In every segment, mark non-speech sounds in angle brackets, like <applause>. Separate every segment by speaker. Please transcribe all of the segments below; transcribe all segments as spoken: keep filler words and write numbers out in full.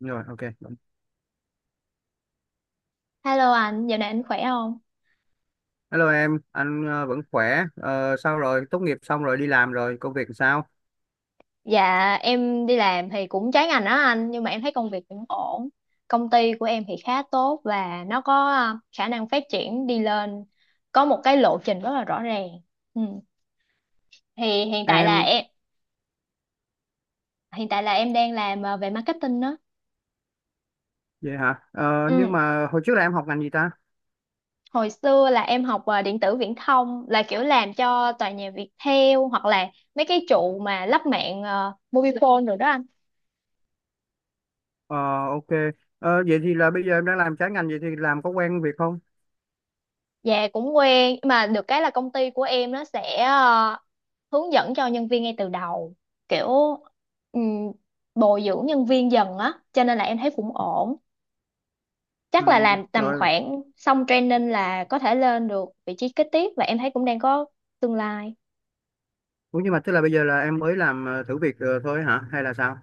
Speaker 1: rồi ok
Speaker 2: Hello anh, dạo này anh khỏe không?
Speaker 1: Hello em, anh ờ, vẫn khỏe. Ờ, Sao rồi, tốt nghiệp xong rồi đi làm rồi, công việc sao
Speaker 2: Dạ, em đi làm thì cũng trái ngành đó anh. Nhưng mà em thấy công việc cũng ổn. Công ty của em thì khá tốt. Và nó có à, khả năng phát triển đi lên. Có một cái lộ trình rất là rõ ràng. Ừ. Thì hiện tại là
Speaker 1: em?
Speaker 2: em Hiện tại là em đang làm à, về marketing đó.
Speaker 1: Vậy hả? Ờ, nhưng
Speaker 2: Ừ.
Speaker 1: mà hồi trước là em học ngành gì ta?
Speaker 2: Hồi xưa là em học à, điện tử viễn thông. Là kiểu làm cho tòa nhà Viettel. Hoặc là mấy cái trụ mà lắp mạng à, mobile phone rồi đó anh.
Speaker 1: Ờ, ok. Ờ, vậy thì là bây giờ em đang làm trái ngành, vậy thì làm có quen việc không?
Speaker 2: Dạ, cũng quen. Nhưng mà được cái là công ty của em nó sẽ ờ, hướng dẫn cho nhân viên ngay từ đầu, kiểu ừm, bồi dưỡng nhân viên dần á, cho nên là em thấy cũng ổn.
Speaker 1: Ừ,
Speaker 2: Chắc là làm tầm
Speaker 1: rồi.
Speaker 2: khoảng xong training là có thể lên được vị trí kế tiếp, và em thấy cũng đang có tương lai.
Speaker 1: Ủa, nhưng mà tức là bây giờ là em mới làm ờ, thử việc ờ, thôi hả hay là sao?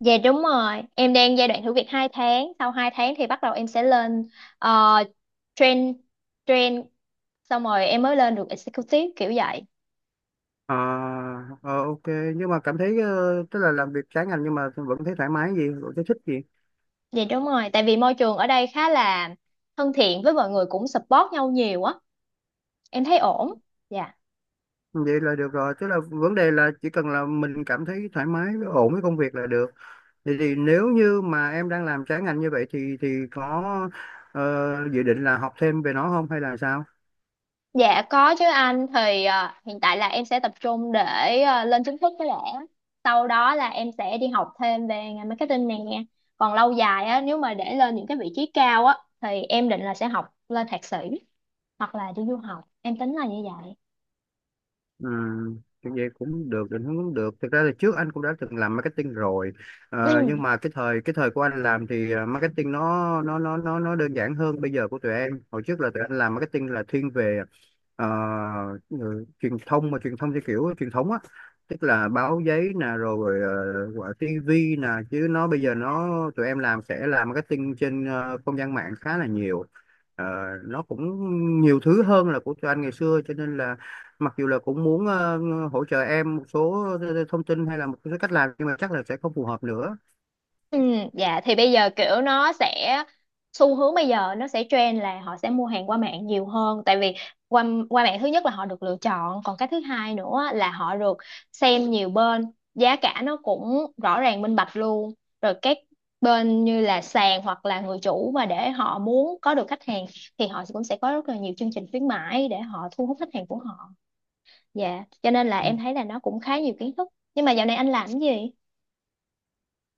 Speaker 2: Dạ đúng rồi, em đang giai đoạn thử việc hai tháng. Sau hai tháng thì bắt đầu em sẽ lên uh, train train xong rồi em mới lên được executive kiểu vậy.
Speaker 1: Ờ, ờ, ok, nhưng mà cảm thấy ờ, tức là làm việc trái ngành nhưng mà vẫn thấy thoải mái gì, vẫn thấy thích gì?
Speaker 2: Dạ đúng rồi, tại vì môi trường ở đây khá là thân thiện, với mọi người cũng support nhau nhiều á, em thấy ổn. Dạ.
Speaker 1: Vậy là được rồi, tức là vấn đề là chỉ cần là mình cảm thấy thoải mái, ổn với công việc là được. Vậy thì nếu như mà em đang làm trái ngành như vậy thì thì có ờ, dự định là học thêm về nó không hay là sao?
Speaker 2: Dạ có chứ anh, thì ờ, hiện tại là em sẽ tập trung để ờ, lên chính thức cái lẽ. Sau đó là em sẽ đi học thêm về ngành marketing nè. Còn lâu dài á, nếu mà để lên những cái vị trí cao á thì em định là sẽ học lên thạc sĩ hoặc là đi du học. Em tính là như vậy.
Speaker 1: Ừ, như vậy cũng được, định hướng cũng được. Thực ra là trước anh cũng đã từng làm marketing rồi.
Speaker 2: Ừ.
Speaker 1: Ờ, nhưng mà cái thời cái thời của anh làm thì ờ, marketing nó nó nó nó nó đơn giản hơn bây giờ của tụi em. Hồi trước là tụi anh làm marketing là thiên về ờ, ừ, truyền thông, mà truyền thông theo kiểu truyền thống á, tức là báo giấy nè, rồi uh, gọi ti vi nè, chứ nó bây giờ nó tụi em làm sẽ làm marketing trên ờ, không gian mạng khá là nhiều. Ờ, nó cũng nhiều thứ hơn là của tụi anh ngày xưa, cho nên là mặc dù là cũng muốn ờ, hỗ trợ em một số thông tin hay là một số cách làm nhưng mà chắc là sẽ không phù hợp nữa.
Speaker 2: Ừ, dạ thì bây giờ kiểu nó sẽ xu hướng, bây giờ nó sẽ trend là họ sẽ mua hàng qua mạng nhiều hơn, tại vì qua qua mạng thứ nhất là họ được lựa chọn, còn cái thứ hai nữa là họ được xem nhiều bên, giá cả nó cũng rõ ràng minh bạch luôn. Rồi các bên như là sàn hoặc là người chủ mà để họ muốn có được khách hàng thì họ cũng sẽ có rất là nhiều chương trình khuyến mãi để họ thu hút khách hàng của họ. Dạ cho nên là em thấy là nó cũng khá nhiều kiến thức. Nhưng mà dạo này anh làm cái gì?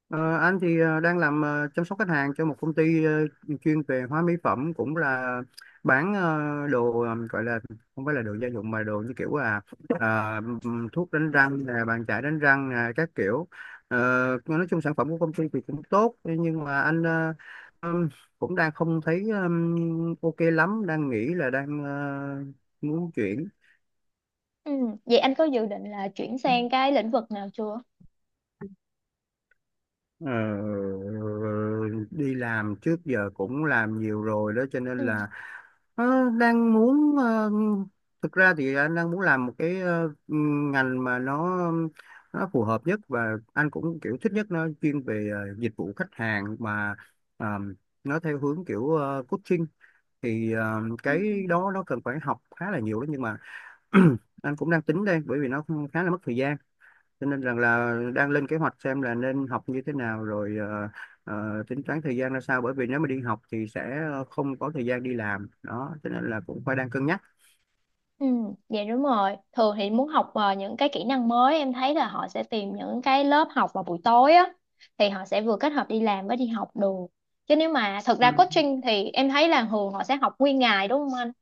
Speaker 1: Ờ, anh thì ờ, đang làm ờ, chăm sóc khách hàng cho một công ty ờ, chuyên về hóa mỹ phẩm, cũng là bán ờ, đồ, ờ, gọi là không phải là đồ gia dụng mà đồ như kiểu là ờ, thuốc đánh răng nè, bàn chải đánh răng nè, các kiểu. Ờ, nói chung sản phẩm của công ty thì cũng tốt nhưng mà anh ờ, ừm, cũng đang không thấy ừm, ok lắm, đang nghĩ là đang ờ, muốn chuyển.
Speaker 2: Ừ. Vậy anh có dự định là chuyển sang cái lĩnh vực nào chưa?
Speaker 1: Ờ, đi làm trước giờ cũng làm nhiều rồi đó cho nên
Speaker 2: Ừ.
Speaker 1: là ờ, đang muốn ờ, thực ra thì anh đang muốn làm một cái ờ, ngành mà nó nó phù hợp nhất và anh cũng kiểu thích nhất, nó chuyên về ờ, dịch vụ khách hàng mà ờ, nó theo hướng kiểu ờ, coaching. Thì ờ,
Speaker 2: Ừ.
Speaker 1: cái đó nó cần phải học khá là nhiều đó nhưng mà <clears throat> anh cũng đang tính đây, bởi vì nó khá là mất thời gian, cho nên rằng là đang lên kế hoạch xem là nên học như thế nào rồi ờ, ờ, tính toán thời gian ra sao, bởi vì nếu mà đi học thì sẽ không có thời gian đi làm đó, cho nên là cũng phải đang cân nhắc.
Speaker 2: Ừ, dạ đúng rồi. Thường thì muốn học ờ, những cái kỹ năng mới, em thấy là họ sẽ tìm những cái lớp học vào buổi tối á, thì họ sẽ vừa kết hợp đi làm với đi học được. Chứ nếu mà thật ra
Speaker 1: Ừ.
Speaker 2: coaching thì em thấy là thường họ sẽ học nguyên ngày đúng không anh?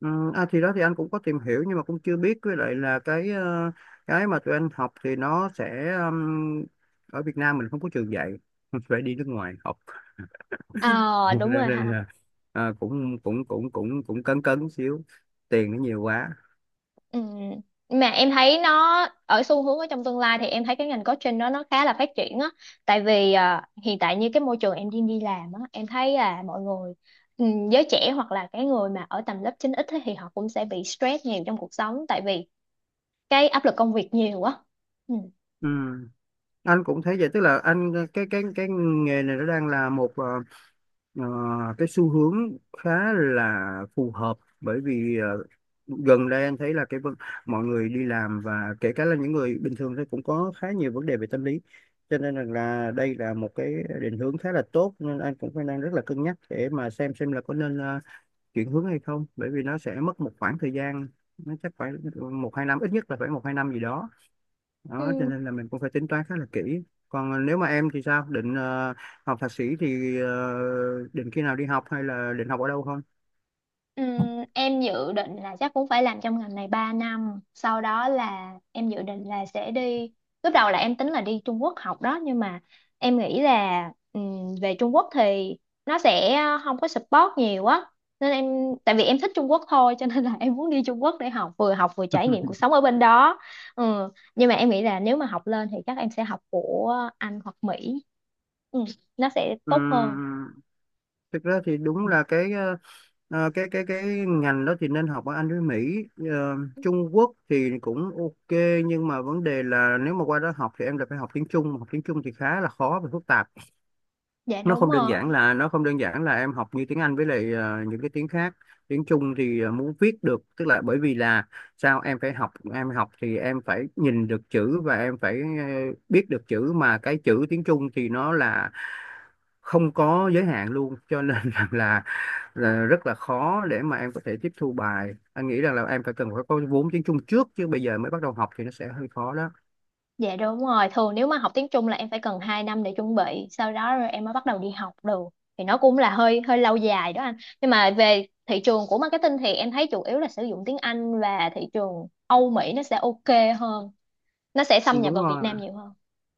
Speaker 1: Ừ, à, thì đó, thì anh cũng có tìm hiểu nhưng mà cũng chưa biết, với lại là cái ờ, cái mà tụi anh học thì nó sẽ ừm, ở Việt Nam mình không có trường dạy, <laughs> phải đi nước ngoài học. <laughs>
Speaker 2: Ờ
Speaker 1: Cho
Speaker 2: đúng rồi
Speaker 1: nên
Speaker 2: ha.
Speaker 1: là ờ, cũng cũng cũng cũng cũng cấn cấn xíu, tiền nó nhiều quá.
Speaker 2: Ừ. Mà em thấy nó ở xu hướng ở trong tương lai thì em thấy cái ngành coaching đó nó khá là phát triển á, tại vì à, hiện tại như cái môi trường em đi đi làm á, em thấy là mọi người, ừ, giới trẻ hoặc là cái người mà ở tầm lớp chín ích ấy thì họ cũng sẽ bị stress nhiều trong cuộc sống, tại vì cái áp lực công việc nhiều quá.
Speaker 1: Ừ. Anh cũng thấy vậy, tức là anh cái cái cái nghề này nó đang là một ờ, ờ, cái xu hướng khá là phù hợp, bởi vì ờ, gần đây anh thấy là cái vấn- mọi người đi làm và kể cả là những người bình thường thì cũng có khá nhiều vấn đề về tâm lý, cho nên rằng là đây là một cái định hướng khá là tốt, nên anh cũng phải đang rất là cân nhắc để mà xem xem là có nên ờ, chuyển hướng hay không, bởi vì nó sẽ mất một khoảng thời gian, nó chắc phải một hai năm, ít nhất là phải một hai năm gì đó. Đó cho
Speaker 2: Ừ.
Speaker 1: nên là mình cũng phải tính toán khá là kỹ. Còn ờ, nếu mà em thì sao, định ờ, học thạc sĩ thì ờ, định khi nào đi học hay là định học ở đâu không?
Speaker 2: Ừm, em dự định là chắc cũng phải làm trong ngành này ba năm, sau đó là em dự định là sẽ đi. Lúc đầu là em tính là đi Trung Quốc học đó, nhưng mà em nghĩ là ừm, về Trung Quốc thì nó sẽ không có support nhiều á, nên em, tại vì em thích Trung Quốc thôi cho nên là <laughs> em muốn đi Trung Quốc để học, vừa học vừa trải nghiệm cuộc
Speaker 1: <laughs>
Speaker 2: sống ở bên đó. Ừ. Nhưng mà em nghĩ là nếu mà học lên thì chắc em sẽ học của Anh hoặc Mỹ. Ừ. Nó sẽ tốt hơn.
Speaker 1: Ừm, thực ra thì đúng là cái ờ, ờ, cái cái cái ngành đó thì nên học ở Anh với Mỹ. Ờ, Trung Quốc thì cũng ok, nhưng mà vấn đề là nếu mà qua đó học thì em lại phải học tiếng Trung. Mà học tiếng Trung thì khá là khó và phức tạp,
Speaker 2: Dạ
Speaker 1: nó
Speaker 2: đúng
Speaker 1: không đơn
Speaker 2: rồi.
Speaker 1: giản là nó không đơn giản là em học như tiếng Anh với lại ờ, những cái tiếng khác. Tiếng Trung thì ờ, muốn viết được tức là bởi vì là sao em phải học em học thì em phải nhìn được chữ và em phải ờ, biết được chữ, mà cái chữ tiếng Trung thì nó là không có giới hạn luôn, cho nên <laughs> rằng là, là rất là khó để mà em có thể tiếp thu bài. Anh nghĩ rằng là em phải cần phải có vốn tiếng Trung trước, chứ bây giờ mới bắt đầu học thì nó sẽ hơi khó đó.
Speaker 2: Dạ đúng rồi, thường nếu mà học tiếng Trung là em phải cần hai năm để chuẩn bị, sau đó rồi em mới bắt đầu đi học được. Thì nó cũng là hơi hơi lâu dài đó anh. Nhưng mà về thị trường của marketing thì em thấy chủ yếu là sử dụng tiếng Anh, và thị trường Âu Mỹ nó sẽ ok hơn. Nó sẽ xâm nhập
Speaker 1: Đúng
Speaker 2: vào Việt
Speaker 1: rồi,
Speaker 2: Nam nhiều hơn.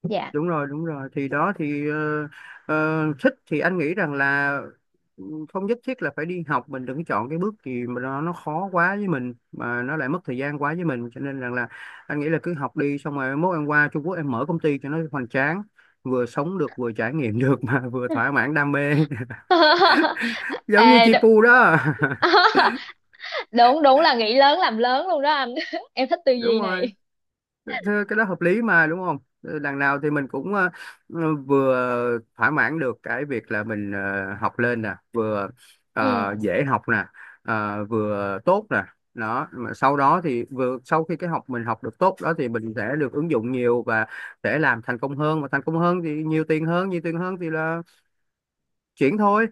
Speaker 2: Dạ.
Speaker 1: đúng rồi, đúng rồi, thì đó thì ờ, ờ, thích thì anh nghĩ rằng là ừ, không nhất thiết là phải đi học, mình đừng chọn cái bước gì mà nó nó khó quá với mình mà nó lại mất thời gian quá với mình, cho nên rằng là anh nghĩ là cứ học đi, xong rồi mốt em qua Trung Quốc em mở công ty cho nó hoành tráng, vừa sống được vừa trải nghiệm <laughs> được mà vừa thỏa mãn đam mê. <laughs>
Speaker 2: <laughs>
Speaker 1: Giống như
Speaker 2: à,
Speaker 1: chi
Speaker 2: đ-
Speaker 1: Pu đó. <laughs>
Speaker 2: <laughs> đúng đúng là nghĩ lớn làm lớn luôn đó anh. <laughs> Em thích tư
Speaker 1: Đúng
Speaker 2: duy
Speaker 1: rồi.
Speaker 2: này.
Speaker 1: Thế cái đó hợp lý mà, đúng không? Ờ, đằng nào thì mình cũng ờ, ờ, vừa thỏa mãn được cái việc là mình ờ, học lên nè, vừa
Speaker 2: Ừ.
Speaker 1: ờ, dễ học nè, ờ, vừa tốt nè. Đó, mà sau đó thì vừa sau khi cái học mình học được tốt đó thì mình sẽ được ứng dụng nhiều và sẽ làm thành công hơn, mà thành công hơn thì nhiều tiền hơn, nhiều tiền hơn thì là chuyển thôi.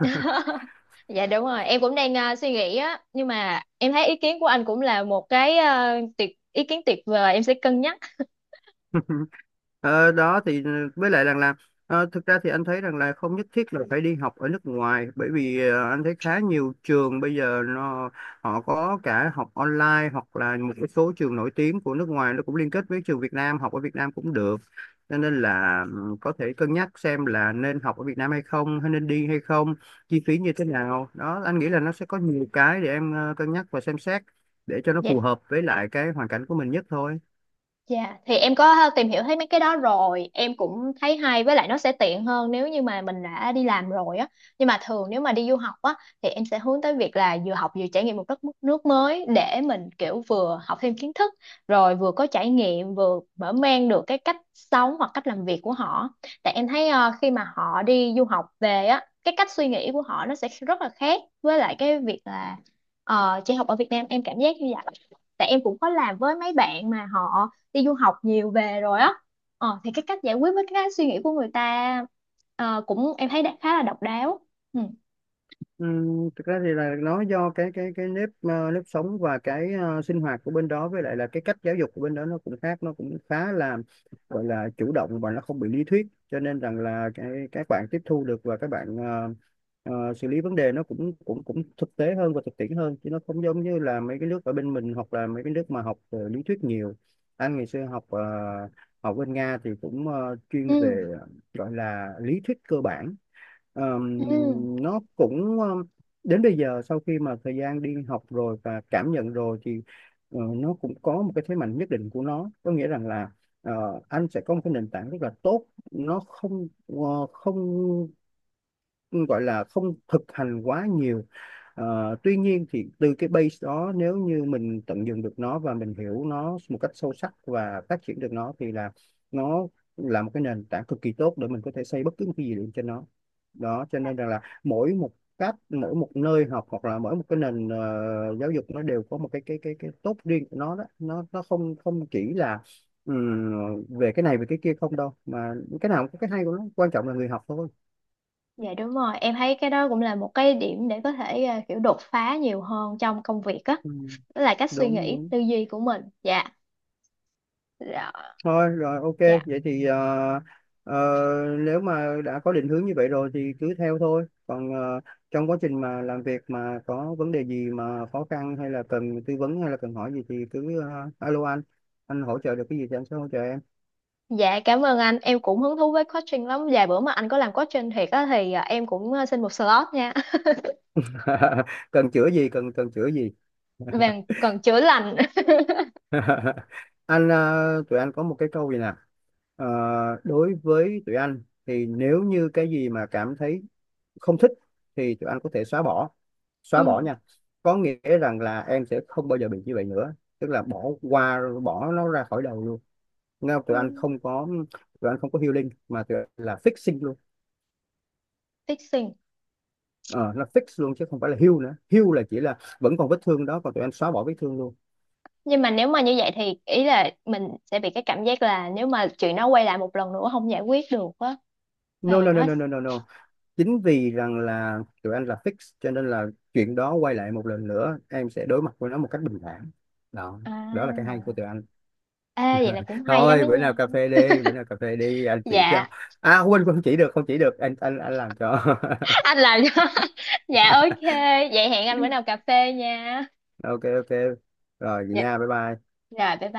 Speaker 2: <laughs> dạ đúng rồi, em cũng đang à, suy nghĩ á, nhưng mà em thấy ý kiến của anh cũng là một cái à, tuyệt ý kiến tuyệt vời, em sẽ cân nhắc.
Speaker 1: <laughs> Ờ, đó thì với lại rằng là ờ, thực ra thì anh thấy rằng là không nhất thiết là phải đi học ở nước ngoài, bởi vì ờ, anh thấy khá nhiều trường bây giờ nó họ có cả học online, hoặc là một cái số trường nổi tiếng của nước ngoài nó cũng liên kết với trường Việt Nam, học ở Việt Nam cũng được, cho nên là ừ, có thể cân nhắc xem là nên học ở Việt Nam hay không hay nên đi hay không, chi phí như thế nào đó. Anh nghĩ là nó sẽ có nhiều cái để em ờ, cân nhắc và xem xét để cho nó
Speaker 2: Dạ.
Speaker 1: phù hợp với lại cái hoàn cảnh của mình nhất thôi.
Speaker 2: Dạ, thì em có tìm hiểu thấy mấy cái đó rồi, em cũng thấy hay, với lại nó sẽ tiện hơn nếu như mà mình đã đi làm rồi á. Nhưng mà thường nếu mà đi du học á thì em sẽ hướng tới việc là vừa học vừa trải nghiệm một đất nước mới, để mình kiểu vừa học thêm kiến thức, rồi vừa có trải nghiệm, vừa mở mang được cái cách sống hoặc cách làm việc của họ. Tại em thấy ờ, khi mà họ đi du học về á, cái cách suy nghĩ của họ nó sẽ rất là khác với lại cái việc là ờ, chị học ở Việt Nam, em cảm giác như vậy. Tại em cũng có làm với mấy bạn mà họ đi du học nhiều về rồi á, ờ, thì cái cách giải quyết với cái suy nghĩ của người ta, ờ, cũng em thấy đã khá là độc đáo. Ừ.
Speaker 1: Ừm, thực ra thì là nó do cái cái cái nếp ờ, nếp sống và cái ờ, sinh hoạt của bên đó, với lại là cái cách giáo dục của bên đó nó cũng khác, nó cũng khá là gọi là chủ động và nó không bị lý thuyết, cho nên rằng là cái các bạn tiếp thu được và các bạn ờ, ờ, xử lý vấn đề nó cũng cũng cũng thực tế hơn và thực tiễn hơn, chứ nó không giống như là mấy cái nước ở bên mình hoặc là mấy cái nước mà học ờ, lý thuyết nhiều. Anh ngày xưa học ờ, học bên Nga thì cũng ờ, chuyên
Speaker 2: Ừ.
Speaker 1: về gọi là lý thuyết cơ bản. Ờm,
Speaker 2: Ừ.
Speaker 1: nó cũng ờm, đến bây giờ sau khi mà thời gian đi học rồi và cảm nhận rồi thì ờ, nó cũng có một cái thế mạnh nhất định của nó, có nghĩa rằng là ờ, anh sẽ có một cái nền tảng rất là tốt, nó không ờ, không gọi là không thực hành quá nhiều. Ờ, tuy nhiên thì từ cái base đó, nếu như mình tận dụng được nó và mình hiểu nó một cách sâu sắc và phát triển được nó thì là nó là một cái nền tảng cực kỳ tốt để mình có thể xây bất cứ một cái gì lên trên nó. Đó cho nên rằng là mỗi một cách mỗi một nơi học hoặc là mỗi một cái nền ờ, giáo dục nó đều có một cái cái cái cái tốt riêng của nó. Đó nó nó không không chỉ là ừm, về cái này về cái kia không đâu, mà cái nào cũng có cái hay của nó, quan trọng là người học thôi.
Speaker 2: Dạ đúng rồi, em thấy cái đó cũng là một cái điểm để có thể ờ, kiểu đột phá nhiều hơn trong công việc á.
Speaker 1: Ừ.
Speaker 2: Đó là cách suy
Speaker 1: Đúng,
Speaker 2: nghĩ
Speaker 1: đúng.
Speaker 2: tư duy của mình. Dạ. Dạ.
Speaker 1: Thôi rồi, ok.
Speaker 2: Dạ.
Speaker 1: Vậy thì ờ, ờ, nếu mà đã có định hướng như vậy rồi thì cứ theo thôi, còn ờ, trong quá trình mà làm việc mà có vấn đề gì mà khó khăn hay là cần tư vấn hay là cần hỏi gì thì cứ ờ, alo anh anh hỗ trợ được cái gì thì anh sẽ hỗ trợ em.
Speaker 2: Dạ cảm ơn anh, em cũng hứng thú với coaching lắm. Vài bữa mà anh có làm coaching thiệt á thì à, em cũng à, xin một slot nha.
Speaker 1: <laughs> Cần chữa gì, cần cần chữa gì?
Speaker 2: <laughs> Vàng cần chữa lành. <laughs>
Speaker 1: <laughs> Anh ờ, tụi anh có một cái câu gì nè. Ờ, đối với tụi anh thì nếu như cái gì mà cảm thấy không thích thì tụi anh có thể xóa bỏ, xóa bỏ
Speaker 2: Ừ.
Speaker 1: nha, có nghĩa rằng là em sẽ không bao giờ bị như vậy nữa, tức là bỏ qua, bỏ nó ra khỏi đầu luôn. Nghe không?
Speaker 2: Ừ.
Speaker 1: Tụi anh không có tụi anh không có healing mà tụi anh là fixing luôn.
Speaker 2: Fixing.
Speaker 1: Ờ, là fix luôn chứ không phải là heal nữa, heal là chỉ là vẫn còn vết thương đó, còn tụi anh xóa bỏ vết thương luôn.
Speaker 2: Nhưng mà nếu mà như vậy thì ý là mình sẽ bị cái cảm giác là nếu mà chuyện nó quay lại một lần nữa không giải quyết được á, thì
Speaker 1: No, no, no,
Speaker 2: nó.
Speaker 1: no, no, no, no, chính vì rằng là tụi anh là fix cho nên là chuyện đó quay lại một lần nữa em sẽ đối mặt với nó một cách bình thản. Đó, đó là cái hay
Speaker 2: À.
Speaker 1: của tụi anh.
Speaker 2: Ê, vậy là cũng
Speaker 1: <laughs>
Speaker 2: hay lắm đó
Speaker 1: Thôi bữa nào
Speaker 2: nha.
Speaker 1: cà phê đi, bữa nào cà phê đi, anh chỉ cho.
Speaker 2: Dạ.
Speaker 1: À quên, quên không chỉ được, không chỉ được anh anh anh làm cho.
Speaker 2: Anh làm cho. <laughs> Dạ ok.
Speaker 1: <laughs>
Speaker 2: Vậy hẹn anh bữa nào cà phê nha.
Speaker 1: Ok, ok, rồi vậy
Speaker 2: Dạ.
Speaker 1: nha, bye bye.
Speaker 2: Rồi bye bye.